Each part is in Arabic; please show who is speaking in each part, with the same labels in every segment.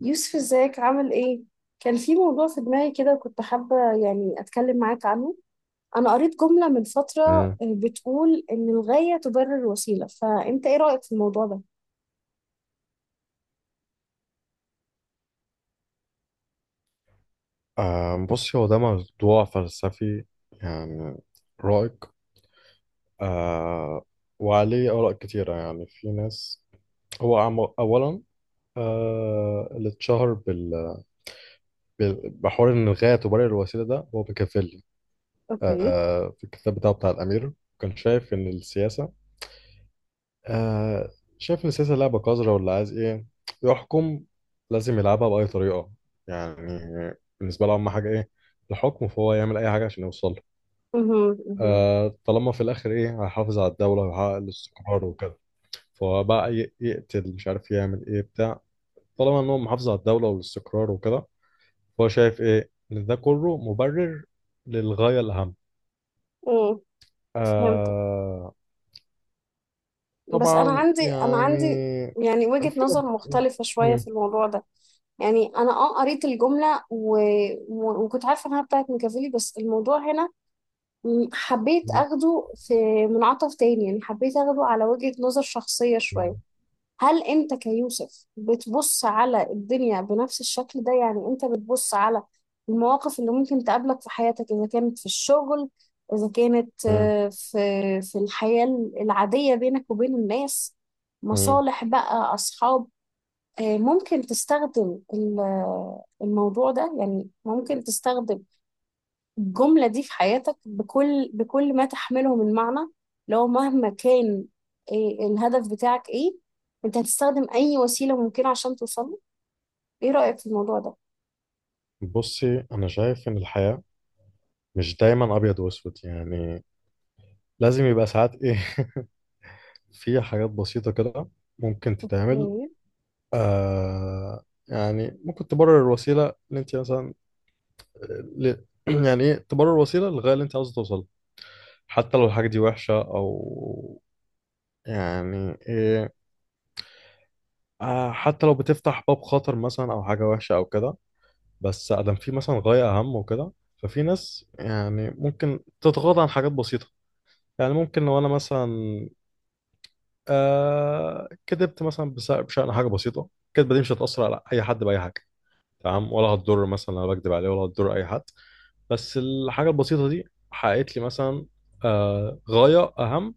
Speaker 1: يوسف، ازيك عامل ايه؟ كان في موضوع في دماغي كده كنت حابة يعني اتكلم معاك عنه. انا قريت جملة من فترة،
Speaker 2: مم.
Speaker 1: بتقول ان الغاية تبرر الوسيلة، فانت ايه رأيك في الموضوع ده؟
Speaker 2: بصي، هو ده موضوع فلسفي. يعني رائق. آه وعليه آراء كتيرة. يعني في ناس أولا، اللي اتشهر بحوار إن الغاية تبرر الوسيلة، ده هو بيكافيلي.
Speaker 1: اوكي.
Speaker 2: في الكتاب بتاعه، بتاع الأمير، كان شايف إن السياسة، آه شايف إن السياسة لعبة قذرة. واللي عايز إيه؟ يحكم. لازم يلعبها بأي طريقة. يعني بالنسبة له أهم حاجة إيه؟ الحكم. فهو يعمل أي حاجة عشان يوصل له.
Speaker 1: مهم. مهم.
Speaker 2: طالما في الاخر ايه، هيحافظ على الدوله ويحقق الاستقرار وكده، فهو بقى يقتل، مش عارف يعمل ايه بتاع، طالما ان هو محافظ على الدوله والاستقرار وكده. فهو شايف ايه، ان ده كله مبرر للغايه الاهم.
Speaker 1: مم. فهمت.
Speaker 2: آه
Speaker 1: بس انا
Speaker 2: طبعا
Speaker 1: عندي انا
Speaker 2: يعني.
Speaker 1: عندي يعني وجهة
Speaker 2: في ناس
Speaker 1: نظر مختلفة شوية
Speaker 2: مم.
Speaker 1: في الموضوع ده. يعني انا قريت الجملة وكنت عارفة انها بتاعت ميكافيلي، بس الموضوع هنا حبيت
Speaker 2: مم.
Speaker 1: اخده في منعطف تاني. يعني حبيت اخده على وجهة نظر شخصية شوية. هل انت كيوسف بتبص على الدنيا بنفس الشكل ده؟ يعني انت بتبص على المواقف اللي ممكن تقابلك في حياتك، اذا كانت في الشغل، اذا كانت،
Speaker 2: مم.
Speaker 1: في الحياة العادية بينك وبين الناس،
Speaker 2: مم.
Speaker 1: مصالح بقى، اصحاب، ممكن تستخدم الموضوع ده. يعني ممكن تستخدم الجملة دي في حياتك بكل ما تحمله من معنى. لو مهما كان، إيه الهدف بتاعك، ايه انت هتستخدم اي وسيلة ممكنة عشان توصل له؟ ايه رأيك في الموضوع ده؟
Speaker 2: بصي، انا شايف ان الحياه مش دايما ابيض واسود، يعني لازم يبقى ساعات ايه، في حاجات بسيطه كده ممكن تتعمل.
Speaker 1: إيه.
Speaker 2: يعني ممكن تبرر الوسيلة اللي انت مثلا ل... يعني ايه، تبرر الوسيلة للغاية اللي انت عاوز توصل، حتى لو الحاجة دي وحشة او يعني ايه. حتى لو بتفتح باب خطر مثلا او حاجة وحشة او كده، بس ادم في مثلا غاية اهم وكده. ففي ناس، يعني ممكن تتغاضى عن حاجات بسيطة. يعني ممكن لو انا مثلا كدبت مثلا، بشأن حاجة بسيطة، الكدبة دي مش هتأثر على أي حد بأي حاجة، تمام، ولا هتضر. مثلا انا بكدب عليه، ولا هتضر اي حد. بس الحاجه البسيطه دي حققت لي مثلا غايه اهم،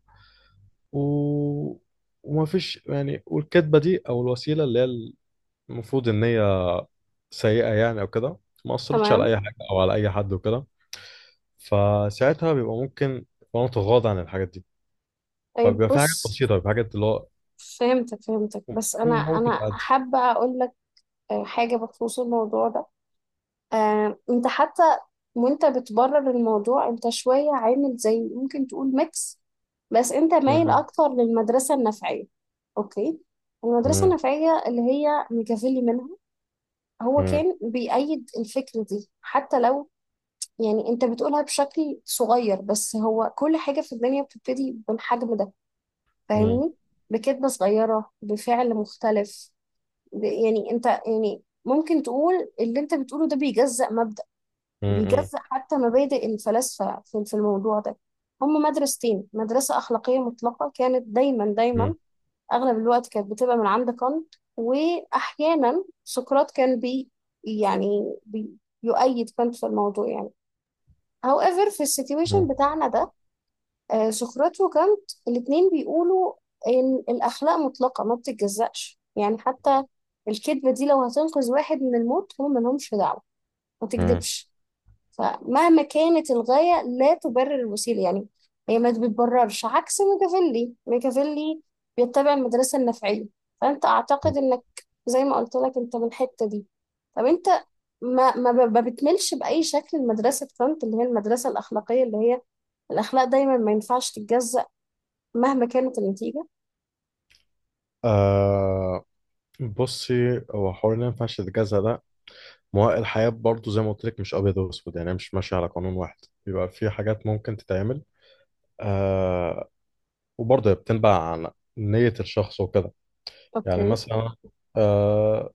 Speaker 2: و... ومفيش يعني. والكدبه دي او الوسيله اللي هي المفروض ان هي سيئه يعني او كده، ما اثرتش على
Speaker 1: تمام.
Speaker 2: اي حاجه او على اي حد وكده. فساعتها بيبقى ممكن، وانا متغاضى عن الحاجات دي.
Speaker 1: طيب،
Speaker 2: فبيبقى في حاجات
Speaker 1: بص.
Speaker 2: بسيطه، بيبقى في حاجات اللي هو،
Speaker 1: فهمتك فهمتك، بس انا
Speaker 2: مم، ممكن
Speaker 1: انا
Speaker 2: تعدي.
Speaker 1: حابة اقول لك حاجة بخصوص الموضوع ده. انت حتى وانت بتبرر الموضوع انت شوية عامل زي، ممكن تقول ميكس، بس انت مايل
Speaker 2: مم،
Speaker 1: اكتر للمدرسة النفعية. اوكي. المدرسة
Speaker 2: مم،
Speaker 1: النفعية اللي هي ميكافيلي منها، هو
Speaker 2: مم،
Speaker 1: كان بيأيد الفكرة دي حتى لو يعني انت بتقولها بشكل صغير، بس هو كل حاجة في الدنيا بتبتدي بالحجم ده.
Speaker 2: مم،
Speaker 1: فاهمني؟ بكلمة صغيرة، بفعل مختلف. يعني انت يعني ممكن تقول اللي انت بتقوله ده بيجزأ مبدأ،
Speaker 2: مم، مم،
Speaker 1: بيجزأ حتى مبادئ الفلاسفة في الموضوع ده. هم مدرستين: مدرسة أخلاقية مطلقة كانت، دايما دايما أغلب الوقت كانت بتبقى من عند كانت، وأحيانا سقراط كان بي يعني بي يؤيد كانت في الموضوع. يعني however في السيتويشن
Speaker 2: مم،
Speaker 1: بتاعنا ده، سقراط وكانت الاتنين بيقولوا إن الأخلاق مطلقة ما بتتجزأش. يعني حتى الكذبة دي لو هتنقذ واحد من الموت، هم ملهمش دعوة، ما
Speaker 2: مم.
Speaker 1: تكذبش. فمهما كانت، الغاية لا تبرر الوسيلة. يعني هي ما بتبررش، عكس ميكافيلي. ميكافيلي بيتبع المدرسة النفعية. فأنت أعتقد إنك زي ما قلت لك، أنت من الحتة دي. طب أنت ما بتملش بأي شكل المدرسة كانت، اللي هي المدرسة الأخلاقية، اللي هي الأخلاق دايما ما ينفعش تتجزأ مهما كانت النتيجة؟
Speaker 2: آه بصي، هو حوار اللي ما ينفعش تتجازى ده، ما هو الحياة برضه زي ما قلت لك مش أبيض وأسود، يعني مش ماشية على قانون واحد. بيبقى في حاجات ممكن تتعمل. آه وبرضه هي بتنبع عن نية الشخص وكده. يعني
Speaker 1: أوكي.
Speaker 2: مثلا آه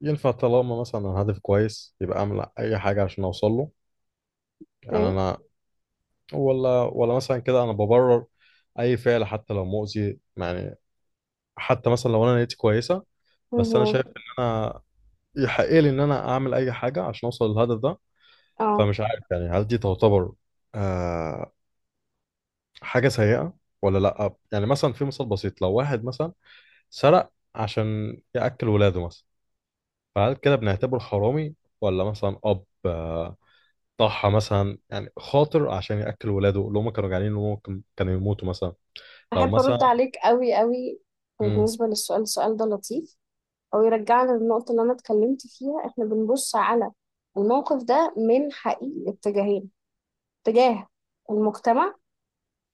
Speaker 2: ينفع طالما مثلا الهدف كويس، يبقى أعمل أي حاجة عشان أوصل له. يعني
Speaker 1: أوكي.
Speaker 2: أنا ولا مثلا كده أنا ببرر أي فعل حتى لو مؤذي، يعني حتى مثلا لو أنا نيتي كويسة. بس أنا
Speaker 1: مهم.
Speaker 2: شايف إن أنا، يحقق لي ان انا اعمل اي حاجه عشان اوصل للهدف ده.
Speaker 1: أه،
Speaker 2: فمش عارف يعني، هل دي تعتبر آه حاجه سيئه ولا لا؟ يعني مثلا في مثال بسيط، لو واحد مثلا سرق عشان ياكل ولاده مثلا، فهل كده بنعتبره حرامي، ولا مثلا اب، ضحى مثلا، يعني خاطر عشان ياكل ولاده اللي هم كانوا جعانين، ان هم كانوا يموتوا مثلا، لو
Speaker 1: أحب
Speaker 2: مثلا...
Speaker 1: أرد عليك أوي أوي
Speaker 2: مم.
Speaker 1: بالنسبة للسؤال. السؤال ده لطيف، او يرجعنا للنقطة اللي انا اتكلمت فيها. احنا بنبص على الموقف ده من حقيقي اتجاهين: اتجاه المجتمع،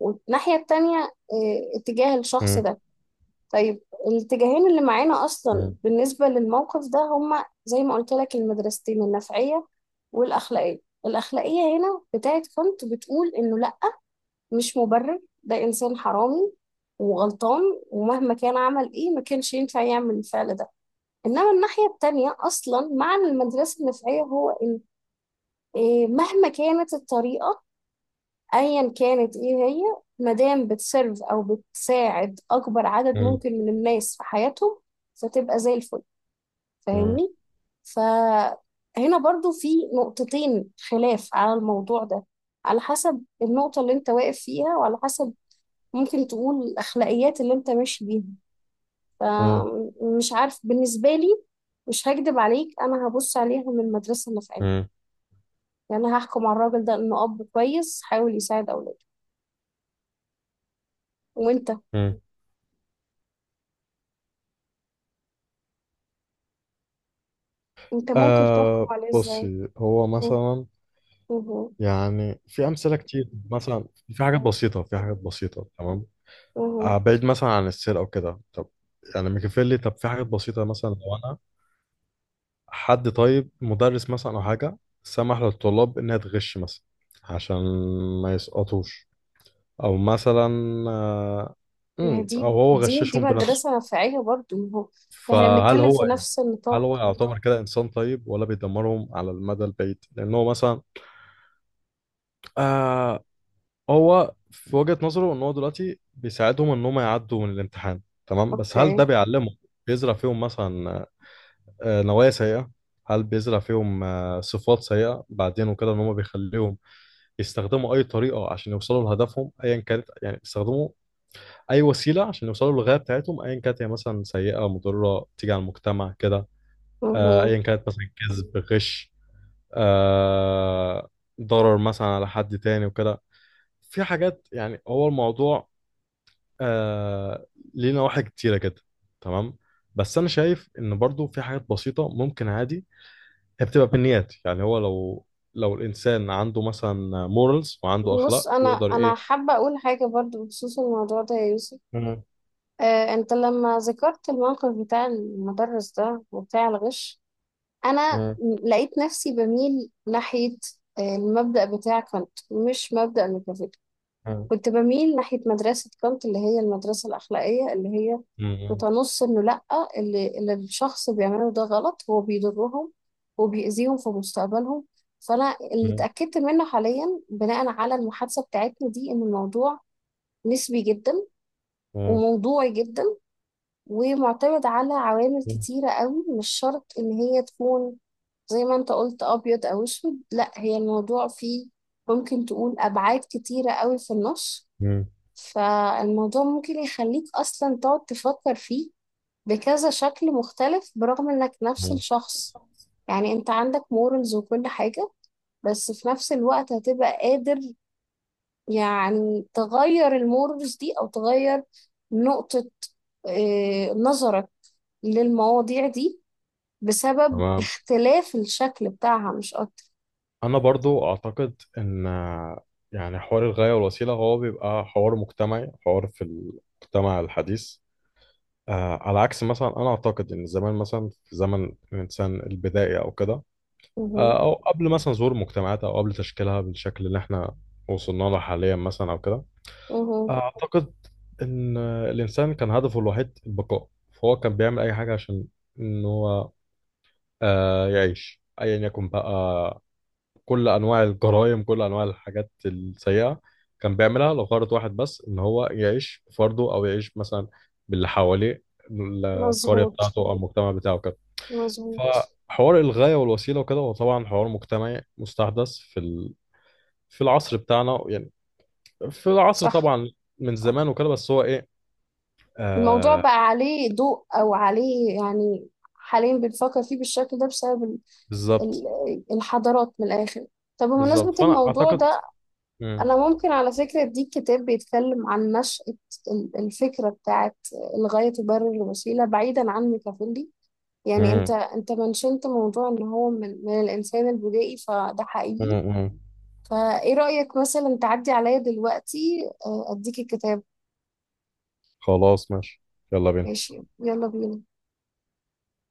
Speaker 1: والناحية التانية اه، اتجاه الشخص
Speaker 2: مم.
Speaker 1: ده. طيب، الاتجاهين اللي معانا اصلا
Speaker 2: مم.
Speaker 1: بالنسبة للموقف ده هما زي ما قلت لك: المدرستين النفعية والاخلاقية. الاخلاقية هنا بتاعت كانت، بتقول انه لا، مش مبرر، ده انسان حرامي وغلطان، ومهما كان عمل ايه ما كانش ينفع يعمل الفعل ده. انما الناحيه التانيه اصلا، معنى المدرسه النفعيه هو ان إيه، مهما كانت الطريقه، ايا كانت ايه هي، مادام بتسيرف او بتساعد اكبر عدد
Speaker 2: مم.
Speaker 1: ممكن من الناس في حياتهم، فتبقى زي الفل.
Speaker 2: مم.
Speaker 1: فاهمني؟ فهنا برضو في نقطتين خلاف على الموضوع ده، على حسب النقطه اللي انت واقف فيها، وعلى حسب ممكن تقول الاخلاقيات اللي انت ماشي بيها. فمش عارف، بالنسبة لي مش هكدب عليك، أنا هبص عليها من المدرسة اللي في قلبي.
Speaker 2: مم.
Speaker 1: يعني أنا هحكم على الراجل ده إنه أب كويس حاول يساعد أولاده. وأنت،
Speaker 2: مم.
Speaker 1: أنت ممكن تحكم عليه إزاي؟
Speaker 2: بصي، هو
Speaker 1: مه-
Speaker 2: مثلا
Speaker 1: مه-
Speaker 2: يعني في أمثلة كتير مثلا. في حاجات بسيطة، في حاجات بسيطة، تمام.
Speaker 1: مه.
Speaker 2: آه، بعيد مثلا عن السرقة وكده. طب يعني ميكافيلي، طب في حاجات بسيطة، مثلا لو أنا حد طيب، مدرس مثلا أو حاجة، سمح للطلاب إنها تغش مثلا عشان ما يسقطوش، أو مثلا، آه،
Speaker 1: ما هي
Speaker 2: أو
Speaker 1: دي
Speaker 2: هو غششهم بنفسه.
Speaker 1: مدرسة نفعية برضو. ما هو إحنا
Speaker 2: فهل
Speaker 1: بنتكلم في
Speaker 2: هو يعني،
Speaker 1: نفس
Speaker 2: هل هو
Speaker 1: النطاق.
Speaker 2: يعتبر كده إنسان طيب ولا بيدمرهم على المدى البعيد؟ لأن هو مثلا آه، هو في وجهة نظره ان هو دلوقتي بيساعدهم ان هم يعدوا من الامتحان، تمام. بس هل
Speaker 1: أوكي.
Speaker 2: ده بيعلمهم، بيزرع فيهم مثلا آه، نوايا سيئة؟ هل بيزرع فيهم آه، صفات سيئة بعدين وكده، ان هم بيخليهم يستخدموا اي طريقة عشان يوصلوا لهدفهم ايا كانت؟ يعني يستخدموا اي وسيلة عشان يوصلوا للغاية بتاعتهم ايا كانت، هي مثلا سيئة، مضرة، تيجي على المجتمع كده، آه،
Speaker 1: مه.
Speaker 2: ايا كانت مثلا كذب، غش، آه، ضرر مثلا على حد تاني وكده. في حاجات يعني، هو الموضوع آه ليه نواحي كتيرة كده، تمام. بس أنا شايف إن برضو في حاجات بسيطة ممكن عادي، هي بتبقى بالنيات. يعني هو لو، لو الإنسان عنده مثلا مورالز وعنده
Speaker 1: بص،
Speaker 2: أخلاق،
Speaker 1: أنا
Speaker 2: يقدر
Speaker 1: أنا
Speaker 2: إيه.
Speaker 1: حابة أقول حاجة برضو بخصوص الموضوع ده يا يوسف.
Speaker 2: مم.
Speaker 1: أنت لما ذكرت الموقف بتاع المدرس ده وبتاع الغش، انا
Speaker 2: مم.
Speaker 1: لقيت نفسي بميل ناحية المبدأ بتاع كانت، مش مبدأ ميكافيلي.
Speaker 2: مم.
Speaker 1: كنت بميل ناحية مدرسة كانت، اللي هي المدرسة الأخلاقية، اللي هي
Speaker 2: مم.
Speaker 1: بتنص إنه لأ، اللي الشخص بيعمله ده غلط، هو بيضرهم وبيأذيهم في مستقبلهم. فأنا اللي
Speaker 2: مم.
Speaker 1: اتأكدت منه حاليا بناء على المحادثة بتاعتنا دي، إن الموضوع نسبي جدا
Speaker 2: مم.
Speaker 1: وموضوعي جدا، ومعتمد على عوامل كتيرة قوي، مش شرط إن هي تكون زي ما أنت قلت أبيض أو أسود. لأ، هي الموضوع فيه ممكن تقول أبعاد كتيرة قوي في النص.
Speaker 2: مم.
Speaker 1: فالموضوع ممكن يخليك أصلا تقعد تفكر فيه بكذا شكل مختلف، برغم إنك نفس
Speaker 2: مم.
Speaker 1: الشخص. يعني أنت عندك مورالز وكل حاجة، بس في نفس الوقت هتبقى قادر يعني تغير المورز دي، أو تغير نقطة نظرك للمواضيع دي، بسبب
Speaker 2: تمام.
Speaker 1: اختلاف الشكل بتاعها، مش أكتر.
Speaker 2: أنا برضو أعتقد إن، يعني حوار الغاية والوسيلة هو بيبقى حوار مجتمعي، حوار في المجتمع الحديث. على عكس مثلا، انا اعتقد ان زمان مثلا، في زمن الانسان البدائي او كده،
Speaker 1: مهو.
Speaker 2: او قبل مثلا ظهور مجتمعات، او قبل تشكيلها بالشكل اللي احنا وصلنا له حاليا مثلا او كده.
Speaker 1: مهو.
Speaker 2: اعتقد ان الانسان كان هدفه الوحيد البقاء، فهو كان بيعمل اي حاجه عشان ان هو يعيش ايا يكن بقى. كل انواع الجرائم، كل انواع الحاجات السيئه كان بيعملها لغرض واحد بس، ان هو يعيش بفرده، او يعيش مثلا باللي حواليه، القريه بتاعته
Speaker 1: مظبوط.
Speaker 2: او المجتمع بتاعه كده.
Speaker 1: مظبوط.
Speaker 2: فحوار الغايه والوسيله وكده، هو طبعا حوار مجتمعي مستحدث في ال... في العصر بتاعنا، يعني في العصر
Speaker 1: صح.
Speaker 2: طبعا من
Speaker 1: صح.
Speaker 2: زمان وكده، بس هو ايه،
Speaker 1: الموضوع
Speaker 2: آه
Speaker 1: بقى عليه ضوء، او عليه يعني حاليا بنفكر فيه بالشكل ده بسبب
Speaker 2: بالظبط.
Speaker 1: الحضارات، من الاخر. طب بمناسبة
Speaker 2: بالظبط، فانا
Speaker 1: الموضوع
Speaker 2: اعتقد.
Speaker 1: ده،
Speaker 2: مم.
Speaker 1: انا ممكن على فكرة اديك كتاب بيتكلم عن نشأة الفكرة بتاعت الغاية تبرر الوسيلة، بعيدا عن ميكافيلي. يعني انت
Speaker 2: مم.
Speaker 1: انت منشنت موضوع ان هو من, الانسان البدائي، فده
Speaker 2: مم.
Speaker 1: حقيقي.
Speaker 2: مم.
Speaker 1: فايه رأيك مثلا تعدي عليا دلوقتي، اديك الكتاب؟
Speaker 2: خلاص ماشي، يلا بينا.
Speaker 1: ماشي، يلا بينا.